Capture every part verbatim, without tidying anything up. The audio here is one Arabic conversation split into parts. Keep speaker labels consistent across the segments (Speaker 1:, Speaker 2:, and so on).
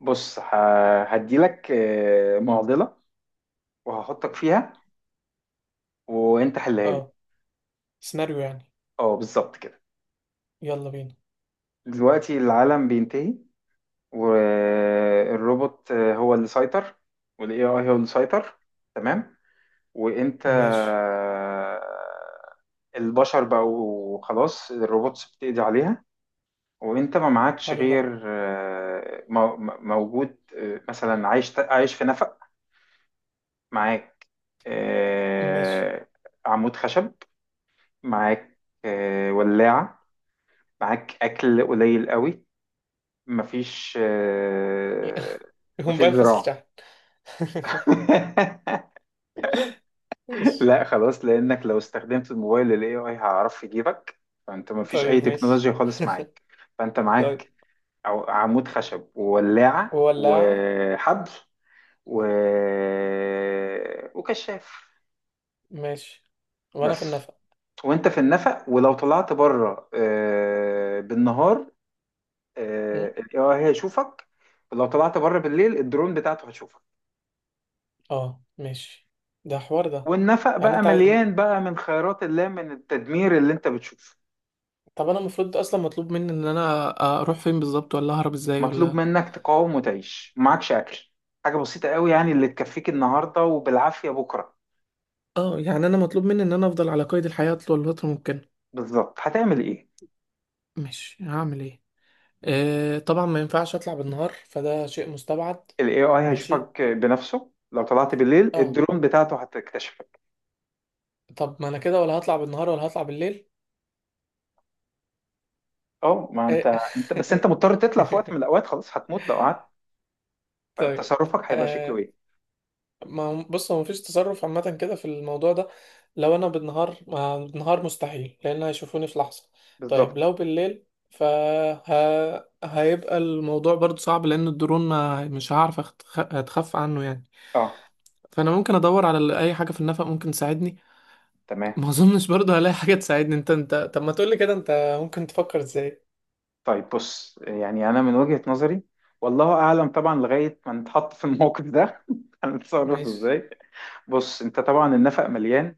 Speaker 1: بص ه- هديلك آه، معضلة وهحطك فيها وانت حلها لي.
Speaker 2: اه، سيناريو يعني.
Speaker 1: اه بالظبط كده.
Speaker 2: يلا بينا.
Speaker 1: دلوقتي العالم بينتهي والروبوت آه، هو اللي سيطر والاي اي هو اللي سيطر. تمام. وانت
Speaker 2: ماشي.
Speaker 1: آه، البشر بقوا خلاص، الروبوتس بتقضي عليها. وانت ما معكش
Speaker 2: حلو ده.
Speaker 1: غير، آه، مو- موجود آه، مثلا عايش عايش في نفق. معاك
Speaker 2: ماشي.
Speaker 1: آه، عمود خشب، معاك آه، ولاعة، معاك أكل قليل قوي، مفيش آه، مفيش
Speaker 2: الموبايل فصل
Speaker 1: زراعة.
Speaker 2: شحن. ماشي.
Speaker 1: لا خلاص، لأنك لو استخدمت الموبايل ال إيه آي هيعرف يجيبك. فأنت مفيش أي
Speaker 2: طيب، ماشي.
Speaker 1: تكنولوجيا خالص معاك. فأنت
Speaker 2: طيب.
Speaker 1: معاك عو- عمود خشب وولاعة
Speaker 2: ولاعة.
Speaker 1: وحبل و... وكشاف
Speaker 2: ماشي. وانا في
Speaker 1: بس.
Speaker 2: النفق.
Speaker 1: وانت في النفق، ولو طلعت بره آه، بالنهار
Speaker 2: م؟
Speaker 1: الاي اي هيشوفك، لو طلعت بره بالليل الدرون بتاعته هتشوفك.
Speaker 2: اه، ماشي. ده حوار ده.
Speaker 1: والنفق
Speaker 2: يعني
Speaker 1: بقى
Speaker 2: انت عايز... م-
Speaker 1: مليان بقى من خيرات الله، من التدمير اللي انت بتشوفه.
Speaker 2: طب انا المفروض اصلا مطلوب مني ان انا اروح فين بالظبط، ولا اهرب ازاي
Speaker 1: مطلوب
Speaker 2: ولا.
Speaker 1: منك تقاوم وتعيش، معكش اكل، حاجه بسيطه قوي يعني اللي تكفيك النهارده وبالعافيه بكره.
Speaker 2: اه، يعني انا مطلوب مني ان انا افضل على قيد الحياة طول الفترة ممكن.
Speaker 1: بالظبط، هتعمل ايه؟
Speaker 2: ماشي، هعمل ايه؟ آه، طبعا ما ينفعش اطلع بالنهار، فده شيء مستبعد.
Speaker 1: الاي اي
Speaker 2: ماشي.
Speaker 1: هيشوفك بنفسه، لو طلعت بالليل
Speaker 2: اه.
Speaker 1: الدرون بتاعته هتكتشفك.
Speaker 2: طب ما انا كده ولا هطلع بالنهار ولا هطلع بالليل؟
Speaker 1: اه، ما
Speaker 2: آه،
Speaker 1: انت، انت بس انت مضطر تطلع في وقت من الاوقات، خلاص هتموت لو قعدت.
Speaker 2: طيب.
Speaker 1: فتصرفك هيبقى شكله
Speaker 2: آه،
Speaker 1: ايه؟
Speaker 2: ما هو- بص، هو مفيش تصرف عامة كده في الموضوع ده. لو انا بالنهار، ما بالنهار مستحيل، لان هيشوفوني في لحظة. طيب
Speaker 1: بالظبط.
Speaker 2: لو بالليل، فه... هيبقى الموضوع برضو صعب، لان الدرون ما مش هعرف أخت- أتخفى عنه يعني.
Speaker 1: اه
Speaker 2: فانا ممكن ادور على اي حاجة في النفق ممكن تساعدني.
Speaker 1: تمام.
Speaker 2: ما اظنش برضه هلاقي حاجة تساعدني. انت انت طب ما تقولي كده، انت ممكن تفكر ازاي؟
Speaker 1: طيب بص، يعني انا من وجهة نظري، والله اعلم طبعا لغايه ما نتحط في الموقف ده هنتصرف
Speaker 2: ماشي.
Speaker 1: ازاي. بص انت طبعا النفق مليان،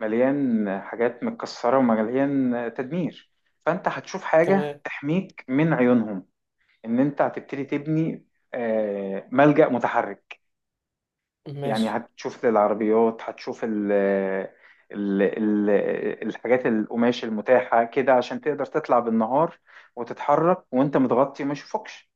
Speaker 1: مليان حاجات متكسره ومليان تدمير. فانت هتشوف حاجه
Speaker 2: تمام.
Speaker 1: تحميك من عيونهم، ان انت هتبتدي تبني آه، ملجأ متحرك. يعني
Speaker 2: ماشي،
Speaker 1: هتشوف للعربيات، هتشوف ال ال ال الحاجات القماش المتاحه كده عشان تقدر تطلع بالنهار، وتتحرك وانت متغطي وما يشوفوكش.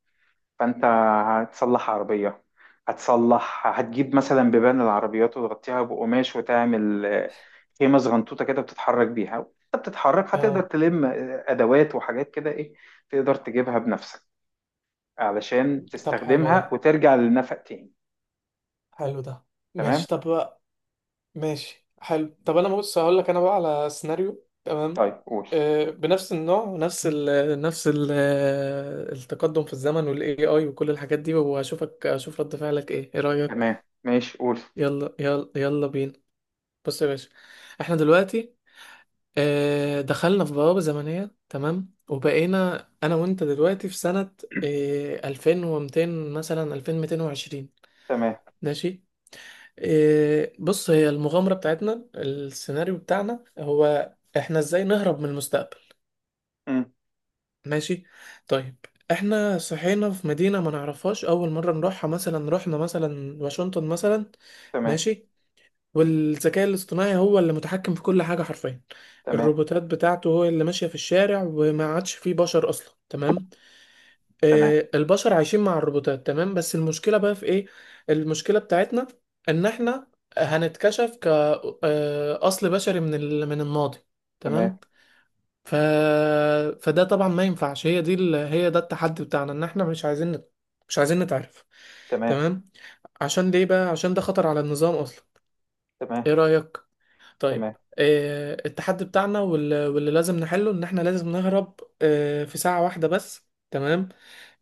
Speaker 1: فانت هتصلح عربية، هتصلح، هتجيب مثلا بيبان العربيات وتغطيها بقماش وتعمل آه، خيمة صغنطوطة كده بتتحرك بيها، وانت بتتحرك هتقدر
Speaker 2: اه.
Speaker 1: تلم آه، أدوات وحاجات كده إيه تقدر تجيبها بنفسك علشان
Speaker 2: طب حلو
Speaker 1: تستخدمها
Speaker 2: ده.
Speaker 1: وترجع للنفق تاني.
Speaker 2: حلو ده.
Speaker 1: تمام.
Speaker 2: ماشي، طب بقى. ماشي، حلو. طب انا بص هقول لك انا بقى على سيناريو، تمام.
Speaker 1: طيب قول.
Speaker 2: آه بنفس النوع ونفس ال نفس ال التقدم في الزمن، والاي اي وكل الحاجات دي، واشوفك اشوف رد فعلك ايه ايه رأيك؟
Speaker 1: تمام ماشي قول.
Speaker 2: يلا، يلا، يلا بينا. بص يا باشا، احنا دلوقتي، آه، دخلنا في بوابة زمنية، تمام، وبقينا أنا وأنت دلوقتي في سنة آه، ألفين ومئتين، مثلا ألفين ومئتين وعشرين.
Speaker 1: تمام.
Speaker 2: ماشي. آه، بص، هي المغامرة بتاعتنا، السيناريو بتاعنا هو إحنا إزاي نهرب من المستقبل.
Speaker 1: مم.
Speaker 2: ماشي. طيب، إحنا صحينا في مدينة ما نعرفهاش، أول مرة نروحها، مثلا رحنا مثلا واشنطن مثلا.
Speaker 1: تمام.
Speaker 2: ماشي. والذكاء الاصطناعي هو اللي متحكم في كل حاجة حرفيا.
Speaker 1: تمام.
Speaker 2: الروبوتات بتاعته هو اللي ماشية في الشارع، وما عادش فيه بشر أصلا، تمام.
Speaker 1: تمام.
Speaker 2: آه البشر عايشين مع الروبوتات، تمام، بس المشكلة بقى في إيه؟ المشكلة بتاعتنا، إن إحنا هنتكشف كأصل بشري من ال... من الماضي،
Speaker 1: تمام.
Speaker 2: تمام. ف... فده طبعا ما ينفعش. هي دي ال... هي ده التحدي بتاعنا، إن إحنا مش عايزين نت... مش عايزين نتعرف.
Speaker 1: تمام.
Speaker 2: تمام. عشان ليه بقى؟ عشان ده خطر على النظام أصلا. إيه
Speaker 1: تمام.
Speaker 2: رأيك؟ طيب.
Speaker 1: تمام.
Speaker 2: آه، التحدي بتاعنا وال- واللي لازم نحله، ان احنا لازم نهرب آه، في ساعة واحدة بس. تمام.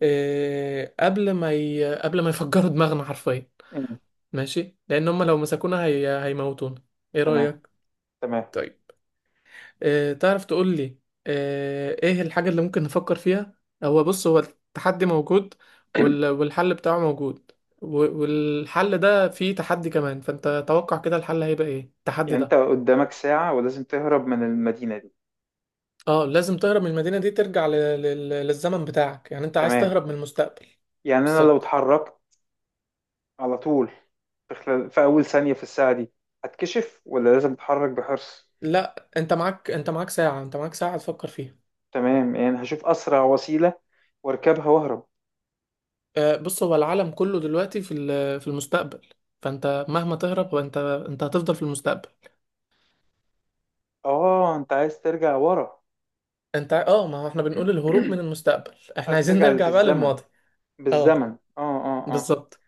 Speaker 2: آه، قبل ما ي... قبل ما يفجروا دماغنا حرفيا.
Speaker 1: مم.
Speaker 2: ماشي، لان هم لو مسكونا هي... هيموتونا. ايه
Speaker 1: تمام.
Speaker 2: رأيك؟
Speaker 1: تمام.
Speaker 2: طيب. آه، تعرف تقول لي آه، ايه الحاجة اللي ممكن نفكر فيها؟ هو بص، هو التحدي موجود وال... والحل بتاعه موجود، و- والحل ده فيه تحدي كمان، فانت توقع كده الحل هيبقى ايه، التحدي
Speaker 1: يعني انت
Speaker 2: ده.
Speaker 1: قدامك ساعة ولازم تهرب من المدينة دي.
Speaker 2: اه، لازم تهرب من المدينة دي، ترجع ل- لل- للزمن بتاعك، يعني انت عايز
Speaker 1: تمام.
Speaker 2: تهرب من المستقبل.
Speaker 1: يعني انا لو
Speaker 2: بالظبط.
Speaker 1: اتحركت على طول، في خلال، في اول ثانية في الساعة دي هتكشف، ولا لازم اتحرك بحرص؟
Speaker 2: لا، انت معاك انت معاك ساعة انت معاك ساعة تفكر فيها.
Speaker 1: تمام، يعني هشوف اسرع وسيلة واركبها واهرب.
Speaker 2: آه، بص، هو العالم كله دلوقتي في ال- في المستقبل. فانت مهما تهرب، انت انت هتفضل في المستقبل.
Speaker 1: اه انت عايز ترجع ورا.
Speaker 2: انت اه، ما هو احنا بنقول الهروب من المستقبل، احنا
Speaker 1: عايز
Speaker 2: عايزين
Speaker 1: ترجع
Speaker 2: نرجع بقى
Speaker 1: بالزمن،
Speaker 2: للماضي. اه،
Speaker 1: بالزمن. اه اه اه.
Speaker 2: بالظبط.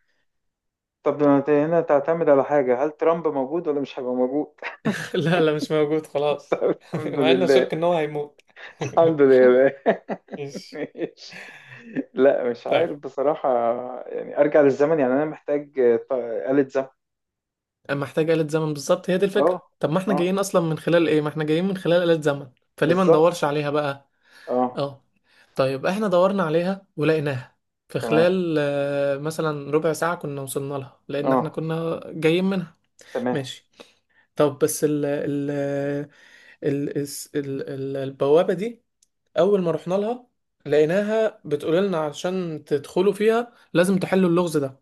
Speaker 1: طب ما انت هنا تعتمد على حاجة، هل ترامب موجود ولا مش هيبقى موجود؟
Speaker 2: لا، لا، مش موجود خلاص.
Speaker 1: الحمد
Speaker 2: مع اني
Speaker 1: لله.
Speaker 2: اشك ان هو هيموت.
Speaker 1: الحمد لله.
Speaker 2: ماشي.
Speaker 1: ماشي. لا مش
Speaker 2: طيب.
Speaker 1: عارف بصراحة. يعني ارجع للزمن، يعني انا محتاج آه، ط- آلة زمن.
Speaker 2: أما محتاج آلة زمن، بالظبط، هي دي
Speaker 1: اه.
Speaker 2: الفكرة. طب ما احنا
Speaker 1: اه.
Speaker 2: جايين اصلا من خلال ايه؟ ما احنا جايين من خلال آلة زمن. فليه ما
Speaker 1: بالظبط.
Speaker 2: ندورش عليها بقى؟
Speaker 1: اه.
Speaker 2: اه. طيب، احنا دورنا عليها ولقيناها في
Speaker 1: تمام.
Speaker 2: خلال آه، مثلا ربع ساعة، كنا وصلنا لها لان احنا
Speaker 1: اه.
Speaker 2: كنا جايين منها.
Speaker 1: تمام
Speaker 2: ماشي. طب بس، ال ال ال الس- ال ال البوابة دي، اول ما رحنا لها، لقيناها بتقول لنا: عشان تدخلوا فيها، لازم تحلوا اللغز ده.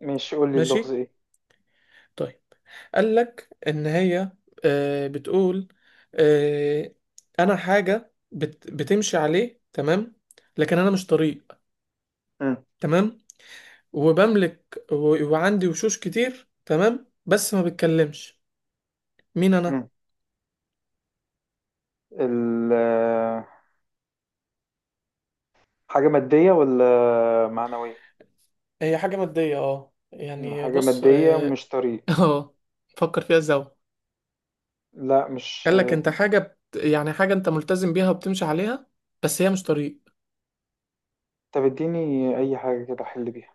Speaker 1: ماشي، قول لي اللغز
Speaker 2: ماشي.
Speaker 1: ايه.
Speaker 2: طيب. قال لك ان هي آه، بتقول، آه، انا حاجه بت- بتمشي عليه، تمام، لكن انا مش طريق،
Speaker 1: مم.
Speaker 2: تمام، وبملك، و- وعندي وشوش كتير، تمام، بس ما بتكلمش. مين انا؟
Speaker 1: مم. ال حاجة مادية ولا معنوية؟
Speaker 2: هي حاجه ماديه، اه
Speaker 1: مم،
Speaker 2: يعني،
Speaker 1: حاجة
Speaker 2: بص،
Speaker 1: مادية
Speaker 2: اه.
Speaker 1: ومش طريق.
Speaker 2: آه، فكر فيها زاوية.
Speaker 1: لا، مش.
Speaker 2: قال لك انت حاجه بت... يعني حاجه انت ملتزم بيها وبتمشي عليها، بس هي مش طريق.
Speaker 1: طب اديني اي حاجة كده احل بيها.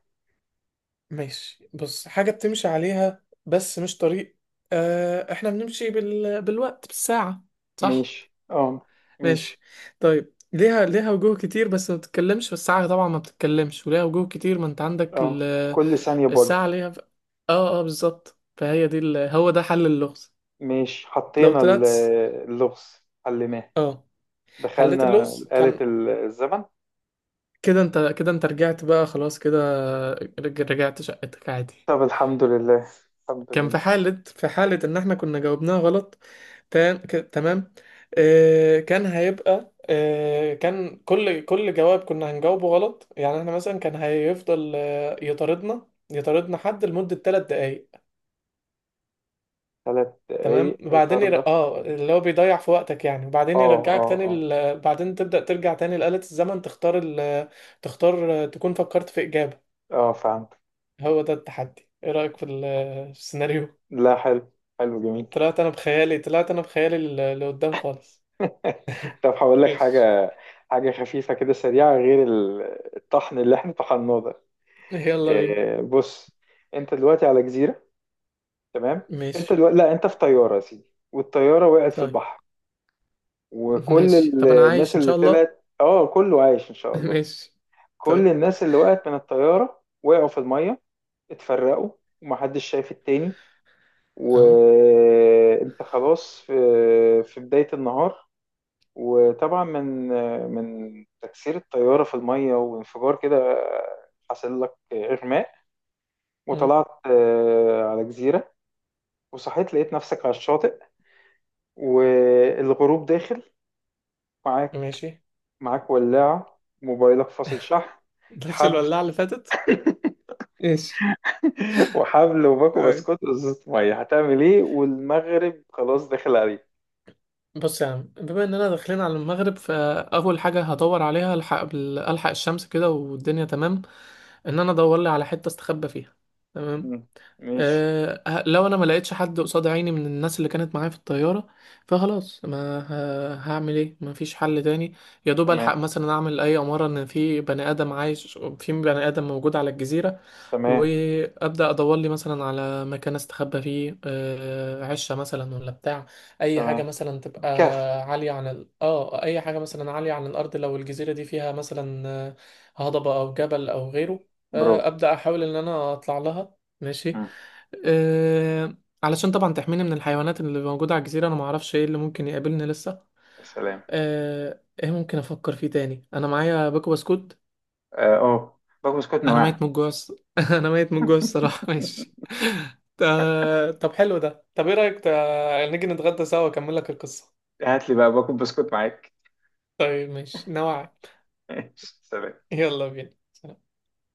Speaker 2: ماشي. بص، حاجة بتمشي عليها بس مش طريق. آه احنا بنمشي بال... بالوقت، بالساعة، صح؟
Speaker 1: ماشي. اه ماشي.
Speaker 2: ماشي. طيب، ليها ليها وجوه كتير بس ما بتتكلمش، والساعة طبعا ما بتتكلمش وليها وجوه كتير. ما انت عندك ال...
Speaker 1: اه كل ثانية بوجه.
Speaker 2: الساعة ليها، ف... اه، اه، بالظبط. فهي دي ال... هو ده حل اللغز.
Speaker 1: ماشي،
Speaker 2: لو
Speaker 1: حطينا ال-
Speaker 2: طلعت س-
Speaker 1: اللغز، حليناه،
Speaker 2: اه، حليت
Speaker 1: دخلنا
Speaker 2: اللغز
Speaker 1: آلة
Speaker 2: كان،
Speaker 1: الزمن.
Speaker 2: كده انت كده انت رجعت بقى خلاص كده، رج- رجعت شقتك عادي.
Speaker 1: طب الحمد لله. الحمد
Speaker 2: كان في
Speaker 1: لله.
Speaker 2: حالة، في حالة إن إحنا كنا جاوبناها غلط، تا- ك- تمام. آه كان هيبقى آه كان كل كل جواب كنا هنجاوبه غلط، يعني إحنا مثلا كان هيفضل آه يطاردنا يطاردنا حد لمدة ثلاث دقايق،
Speaker 1: ثلاث
Speaker 2: تمام.
Speaker 1: دقايق.
Speaker 2: وبعدين ير...
Speaker 1: طاردة.
Speaker 2: اه اللي هو بيضيع في وقتك يعني،
Speaker 1: اه
Speaker 2: وبعدين يرجعك
Speaker 1: اه
Speaker 2: تاني
Speaker 1: اه.
Speaker 2: ل... بعدين تبدأ ترجع تاني لآلة الزمن، تختار ال... تختار آه، تكون فكرت في إجابة.
Speaker 1: اه فهمت.
Speaker 2: هو ده التحدي. إيه رأيك في ال- في السيناريو؟
Speaker 1: لا حلو. حلو جميل.
Speaker 2: طلعت انا بخيالي طلعت انا بخيالي ل- لقدام خالص.
Speaker 1: طب هقول لك
Speaker 2: ماشي.
Speaker 1: حاجة، حاجة خفيفة كده سريعة غير ال- الطحن اللي احنا طحناه ده.
Speaker 2: يلا بينا.
Speaker 1: آه، بص، انت دلوقتي على جزيرة. تمام. انت
Speaker 2: ماشي.
Speaker 1: دلوقتي لا، انت في طيارة يا سيدي، والطيارة وقعت في
Speaker 2: طيب.
Speaker 1: البحر، وكل
Speaker 2: ماشي.
Speaker 1: ال-
Speaker 2: طب انا
Speaker 1: الناس
Speaker 2: عايش ان
Speaker 1: اللي
Speaker 2: شاء الله.
Speaker 1: طلعت اه كله عايش ان شاء الله.
Speaker 2: ماشي.
Speaker 1: كل
Speaker 2: طيب.
Speaker 1: الناس اللي وقعت من الطيارة وقعوا في المية، اتفرقوا ومحدش شايف التاني.
Speaker 2: اهو.
Speaker 1: وانت خلاص في في بداية النهار، وطبعا من من تكسير الطيارة في المية وانفجار كده حصل لك إغماء،
Speaker 2: مم.
Speaker 1: وطلعت آه، على جزيرة. وصحيت لقيت نفسك على الشاطئ، والغروب داخل. معاك،
Speaker 2: ماشي.
Speaker 1: معاك ولاعة، موبايلك فاصل شحن،
Speaker 2: نفس
Speaker 1: حبل.
Speaker 2: الولاعة اللي فاتت. ماشي.
Speaker 1: وحبل وباكو
Speaker 2: طيب.
Speaker 1: بسكوت وزيت مية. هتعمل ايه والمغرب خلاص داخل عليك؟
Speaker 2: بص يا عم، بما اننا داخلين على المغرب، فاول حاجة هدور عليها، الحق بال- الحق الشمس كده والدنيا تمام، ان انا ادور لي على حتة استخبى فيها. تمام.
Speaker 1: مم. ماشي.
Speaker 2: أه لو انا ما لقيتش حد قصاد عيني من الناس اللي كانت معايا في الطياره، فخلاص، ما ه- هعمل ايه؟ ما فيش حل تاني. يا دوب الحق
Speaker 1: تمام.
Speaker 2: مثلا اعمل اي اماره ان في بني ادم عايش، في بني ادم موجود على الجزيره،
Speaker 1: تمام.
Speaker 2: وابدا ادور لي مثلا على مكان استخبى فيه، آه، عشه مثلا ولا بتاع، اي حاجه
Speaker 1: تمام.
Speaker 2: مثلا تبقى،
Speaker 1: كف.
Speaker 2: عاليه عن ال... اه اي حاجه مثلا عاليه عن الارض. لو الجزيره دي فيها مثلا آه، هضبه او جبل او غيره، آه،
Speaker 1: برافو.
Speaker 2: ابدا احاول ان انا اطلع لها. ماشي.
Speaker 1: مم.
Speaker 2: آه، علشان طبعا تحميني من الحيوانات اللي موجوده على الجزيره. انا ما اعرفش ايه اللي ممكن يقابلني لسه.
Speaker 1: يا سلام.
Speaker 2: آه، ايه ممكن افكر فيه تاني؟ انا معايا باكو بسكوت.
Speaker 1: اه أوه. باكو بسكوت
Speaker 2: انا
Speaker 1: نواعم.
Speaker 2: ميت من الجوع الص- انا ميت من الجوع الصراحه. ماشي. تا- طب حلو ده. طب ايه رايك تا- نيجي نتغدى سوا، اكمل لك القصه؟
Speaker 1: هات لي بقى باكل بسكوت معاك.
Speaker 2: طيب، ماشي، نوعا.
Speaker 1: سلام.
Speaker 2: يلا بينا.